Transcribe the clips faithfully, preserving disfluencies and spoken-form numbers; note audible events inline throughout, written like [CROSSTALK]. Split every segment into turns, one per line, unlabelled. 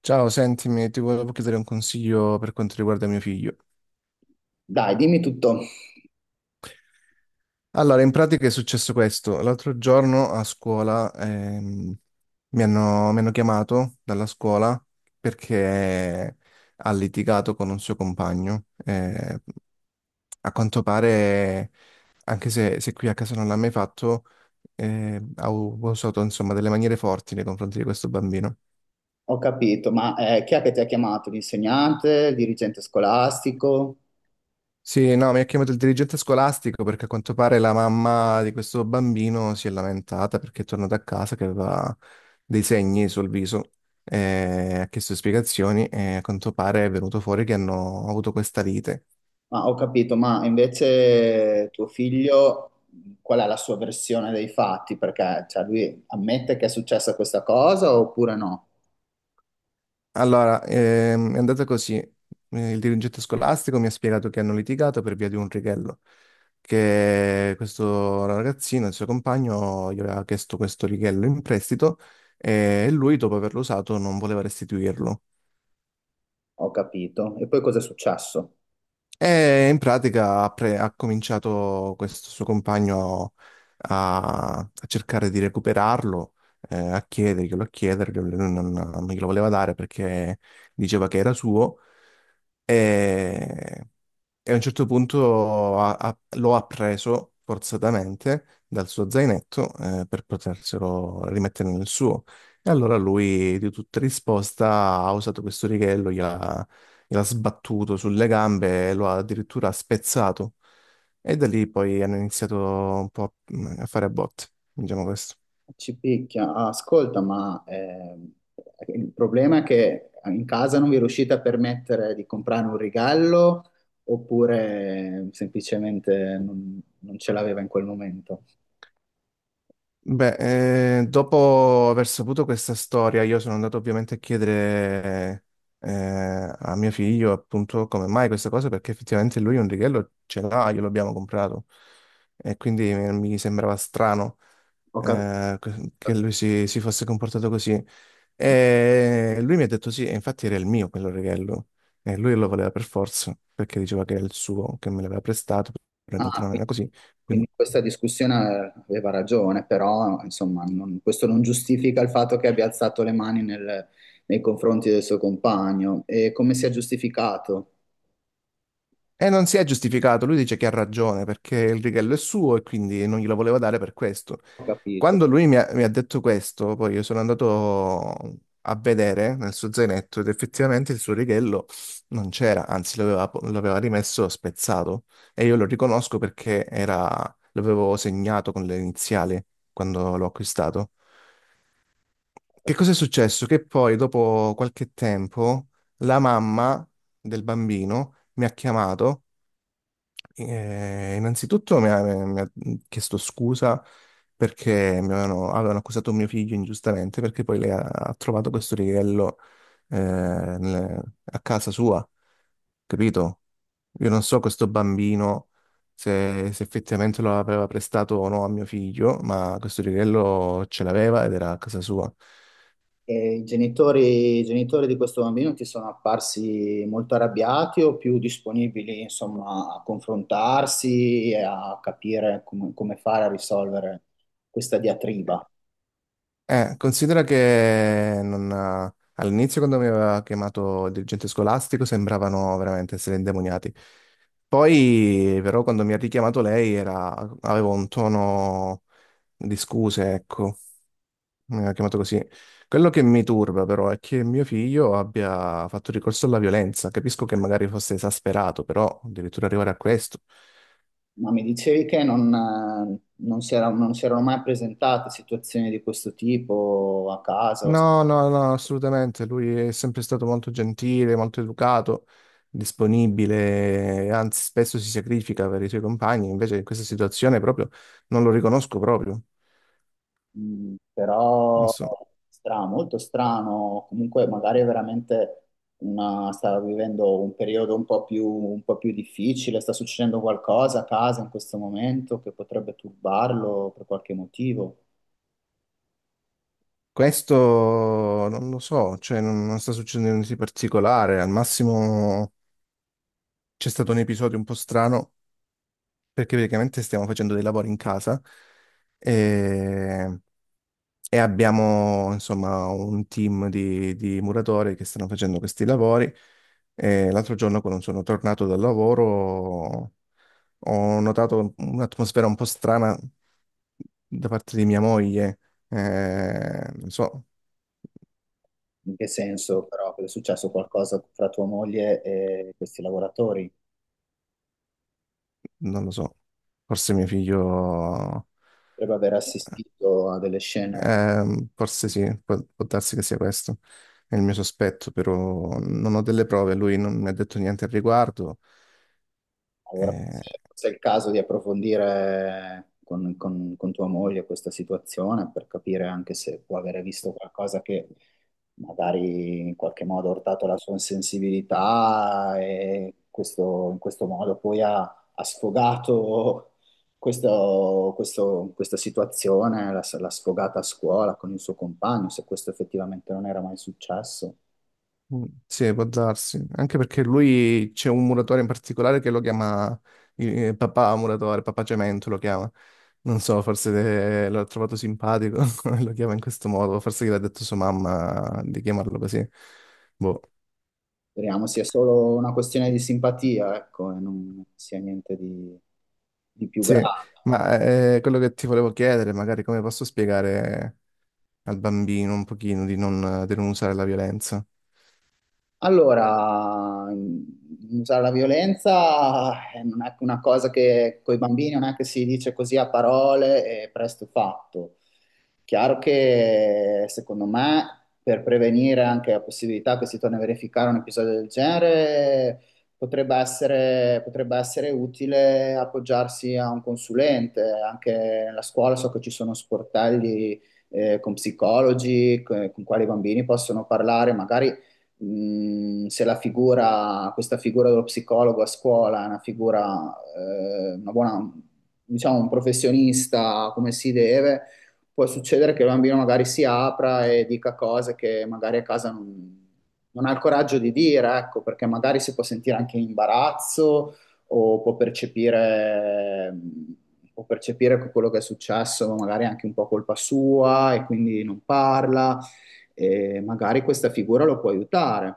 Ciao, sentimi, ti volevo chiedere un consiglio per quanto riguarda mio figlio.
Dai, dimmi tutto,
Allora, in pratica è successo questo. L'altro giorno a scuola, ehm, mi hanno, mi hanno chiamato dalla scuola perché ha litigato con un suo compagno. Eh, a quanto pare, anche se, se qui a casa non l'ha mai fatto, eh, ha u- ha usato insomma delle maniere forti nei confronti di questo bambino.
ho capito, ma eh, chi è che ti ha chiamato? L'insegnante, il dirigente scolastico?
Sì, no, mi ha chiamato il dirigente scolastico perché a quanto pare la mamma di questo bambino si è lamentata perché è tornata a casa che aveva dei segni sul viso e ha chiesto spiegazioni e a quanto pare è venuto fuori che hanno avuto questa lite.
Ma ho capito, ma invece tuo figlio, qual è la sua versione dei fatti? Perché cioè, lui ammette che è successa questa cosa oppure no?
Allora, ehm, è andata così. Eh, Il dirigente scolastico mi ha spiegato che hanno litigato per via di un righello, che questo ragazzino, il suo compagno, gli aveva chiesto questo righello in prestito e lui, dopo averlo usato, non voleva restituirlo.
Ho capito. E poi cosa è successo?
E in pratica ha, pre- ha cominciato questo suo compagno a, a cercare di recuperarlo, eh, a chiederglielo, a chiederglielo, lui non, non glielo voleva dare perché diceva che era suo. E e a un certo punto ha- ha- lo ha preso forzatamente dal suo zainetto, eh, per poterselo rimettere nel suo. E allora lui, di tutta risposta, ha usato questo righello, gliel'ha gliel'ha sbattuto sulle gambe e lo ha addirittura spezzato. E da lì poi hanno iniziato un po' a mm, a fare a botte, diciamo questo.
Ci picchia. Ah, ascolta, ma ehm, il problema è che in casa non vi riuscite a permettere di comprare un regalo oppure semplicemente non, non ce l'aveva in quel momento?
Beh, eh, dopo aver saputo questa storia, io sono andato ovviamente a chiedere, eh, a mio figlio appunto come mai questa cosa, perché effettivamente lui un righello ce l'ha, glielo abbiamo comprato e quindi mi mi sembrava strano,
Ho capito.
eh, que- che lui si, si fosse comportato così. E lui mi ha detto sì, e infatti era il mio quello righello e lui lo voleva per forza, perché diceva che era il suo, che me l'aveva prestato, però in realtà
Ah,
non era
quindi
così.
quindi
Quindi
questa discussione aveva ragione, però insomma, non- questo non giustifica il fatto che abbia alzato le mani nel- nei confronti del suo compagno. E come si è giustificato?
e non si è giustificato, lui dice che ha ragione perché il righello è suo e quindi non glielo voleva dare per questo.
Ho capito.
Quando lui mi ha, mi ha detto questo, poi io sono andato a vedere nel suo zainetto ed effettivamente il suo righello non c'era, anzi l'aveva po- l'aveva rimesso spezzato e io lo riconosco perché era- l'avevo segnato con le iniziali quando l'ho acquistato. Che cosa è successo? Che poi, dopo qualche tempo, la mamma del bambino mi ha chiamato, eh, innanzitutto mi ha, mi ha chiesto scusa perché mi avevano, avevano accusato mio figlio ingiustamente perché poi lei ha, ha trovato questo righello, eh, nel- a casa sua, capito? Io non so questo bambino se, se effettivamente lo aveva prestato o no a mio figlio, ma questo righello ce l'aveva ed era a casa sua.
E i genitori, i genitori di questo bambino ti sono apparsi molto arrabbiati o più disponibili, insomma, a confrontarsi e a capire come, come fare a risolvere questa diatriba?
Eh, considera che non, eh, all'inizio quando mi aveva chiamato il dirigente scolastico sembravano veramente essere indemoniati. Poi però quando mi ha richiamato lei era, avevo un tono di scuse, ecco, mi aveva chiamato così. Quello che mi turba però è che mio figlio abbia fatto ricorso alla violenza. Capisco che magari fosse esasperato, però addirittura arrivare a questo.
Ma mi dicevi che non, eh, non si era- non si erano mai presentate situazioni di questo tipo a casa? O
No, no, no, assolutamente. Lui è sempre stato molto gentile, molto educato, disponibile, anzi spesso si sacrifica per i suoi compagni, invece in questa situazione proprio non lo riconosco proprio.
mm,
Non
però
so.
strano, molto strano, comunque magari è veramente una, sta vivendo un periodo un po' più, un po' più difficile, sta succedendo qualcosa a casa in questo momento che potrebbe turbarlo per qualche motivo.
Questo non lo so, cioè non, non sta succedendo niente di particolare, al massimo c'è stato un episodio un po' strano perché praticamente stiamo facendo dei lavori in casa e e abbiamo insomma un team di, di muratori che stanno facendo questi lavori. E l'altro giorno, quando sono tornato dal lavoro, ho notato un'atmosfera un po' strana da parte di mia moglie. Eh, non so,
In che senso però è successo qualcosa fra tua moglie e questi lavoratori?
non lo so, forse mio figlio,
Potrebbe aver assistito a delle scene.
ehm, forse sì, può, può darsi che sia questo. È il mio sospetto, però non ho delle prove, lui non mi ha detto niente al riguardo.
Allora,
Eh,
forse forse è il caso di approfondire con, con- con tua moglie questa situazione per capire anche se può avere visto qualcosa che magari in qualche modo ha urtato la sua sensibilità e questo- in questo modo poi ha, ha sfogato questo- questo- questa situazione, l'ha l'ha sfogata a scuola con il suo compagno, se questo effettivamente non era mai successo.
Mm, sì, può darsi. Anche perché lui c'è un muratore in particolare che lo chiama, eh, papà muratore, papà Cemento lo chiama. Non so, forse, eh, l'ho trovato simpatico, [LAUGHS] e lo chiama in questo modo, forse gli ha detto sua mamma di chiamarlo così. Boh.
Speriamo sia solo una questione di simpatia, ecco, e non sia niente di, di più
Sì,
grave.
ma eh, quello che ti volevo chiedere, magari come posso spiegare al bambino un pochino di non, di non usare la violenza?
Allora, mh, usare la violenza eh, non è che una cosa che con i bambini non è che si dice così a parole e presto fatto. Chiaro che secondo me per prevenire anche la possibilità che si torni a verificare un episodio del genere potrebbe essere, potrebbe essere utile appoggiarsi a un consulente. Anche nella scuola so che ci sono sportelli eh, con psicologi, co- con quali i bambini possono parlare, magari mh, se la figura, questa figura dello psicologo a scuola è una figura, eh, una buona, diciamo, un professionista come si deve, può succedere che il bambino magari si apra e dica cose che magari a casa non, non ha il coraggio di dire, ecco, perché magari si può sentire anche in imbarazzo o può percepire, può percepire che quello che è successo, magari è anche un po' colpa sua e quindi non parla e magari questa figura lo può aiutare.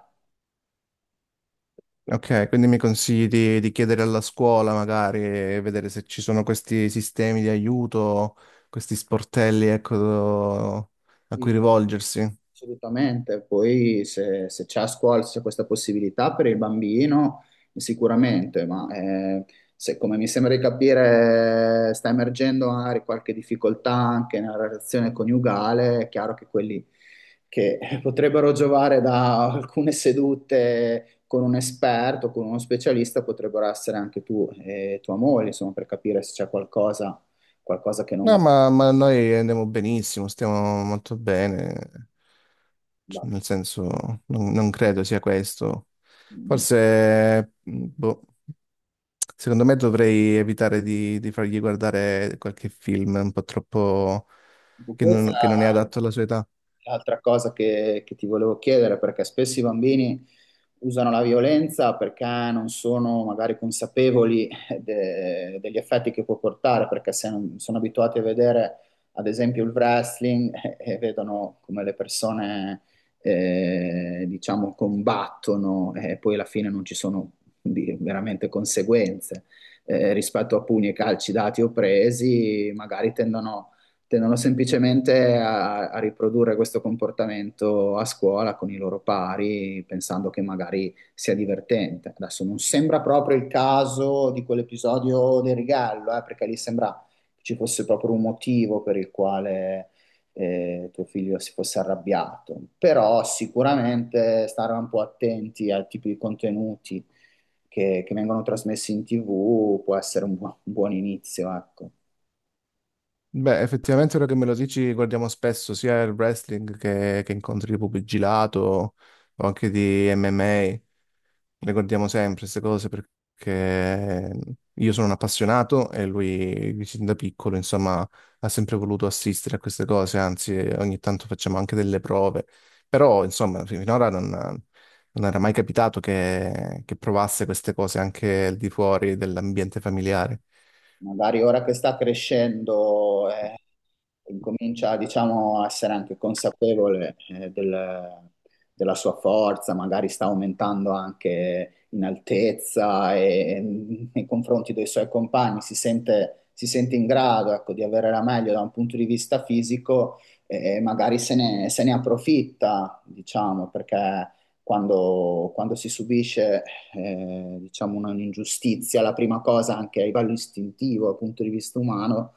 Ok, quindi mi consigli di, di chiedere alla scuola magari e vedere se ci sono questi sistemi di aiuto, questi sportelli, ecco, do- a cui rivolgersi.
Assolutamente. Poi se, se c'è a scuola, se c'è questa possibilità per il bambino, sicuramente, ma eh, se, come mi sembra di capire, sta emergendo magari qualche difficoltà anche nella relazione coniugale, è chiaro che quelli che potrebbero giovare da alcune sedute con un esperto, con uno specialista, potrebbero essere anche tu e tua moglie, insomma, per capire se c'è qualcosa, qualcosa che non
No, ma, ma noi andiamo benissimo, stiamo molto bene, C-
va.
nel senso non, non credo sia questo.
Mm,
Forse, mh, boh, secondo me dovrei evitare di, di fargli guardare qualche film un po' troppo,
ecco,
che non che non è
questa
adatto alla sua età.
è l'altra cosa che, che ti volevo chiedere, perché spesso i bambini usano la violenza perché non sono magari consapevoli de- degli effetti che può portare, perché se non- sono abituati a vedere, ad esempio, il wrestling [LAUGHS] eh, e vedono come le persone, eh, diciamo, combattono e poi alla fine non ci sono di- veramente conseguenze. Eh, rispetto a pugni e calci dati o presi, magari tendono tendono semplicemente a, a riprodurre questo comportamento a scuola con i loro pari, pensando che magari sia divertente. Adesso non sembra proprio il caso di quell'episodio del regalo, eh, perché lì sembra che ci fosse proprio un motivo per il quale eh, tuo figlio si fosse arrabbiato, però sicuramente stare un po' attenti al tipo di contenuti che, che vengono trasmessi in T V può essere un, buon un buon inizio, ecco.
Beh, effettivamente ora che me lo dici, guardiamo spesso sia il wrestling che, che incontri di pugilato o anche di M M A. Le guardiamo sempre queste cose perché io sono un appassionato e lui sin da piccolo, insomma, ha sempre voluto assistere a queste cose, anzi ogni tanto facciamo anche delle prove. Però, insomma, finora non, non era mai capitato che, che provasse queste cose anche al di fuori dell'ambiente familiare.
Magari ora che sta crescendo, eh, incomincia, diciamo, a essere anche consapevole, eh, del- della sua forza, magari sta aumentando anche in altezza e, e nei confronti dei suoi compagni, si sente, si sente in grado, ecco, di avere la meglio da un punto di vista fisico e magari se ne, se ne approfitta, diciamo, perché quando, quando si subisce eh, diciamo una- un'ingiustizia. La prima cosa, anche a livello istintivo, dal punto di vista umano,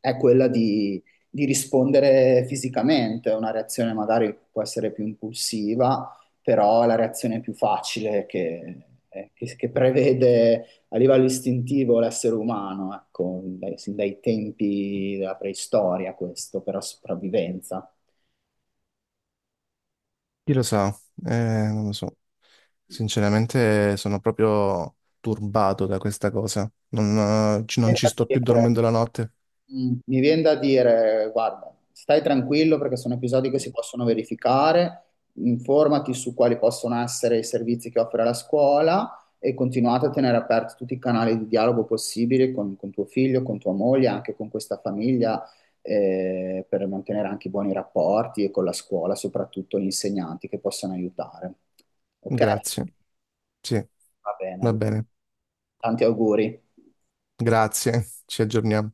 è quella di, di rispondere fisicamente. È una reazione magari può essere più impulsiva, però è la reazione più facile che, eh, che- che prevede a livello istintivo l'essere umano, ecco, dai- sin dai tempi della preistoria questo, per la sopravvivenza.
Chi lo sa? Eh, non lo so. Sinceramente sono proprio turbato da questa cosa. Non, eh, ci non ci sto più dormendo la notte.
Mm, mi viene da dire, guarda, stai tranquillo perché sono episodi che si possono verificare, informati su quali possono essere i servizi che offre la scuola e continuate a tenere aperti tutti i canali di dialogo possibili con, con tuo figlio, con tua moglie, anche con questa famiglia, eh, per mantenere anche i buoni rapporti e con la scuola, soprattutto gli insegnanti che possono aiutare. Ok?
Grazie. Sì,
Va bene,
va
allora.
bene.
Tanti auguri.
Grazie. Ci aggiorniamo.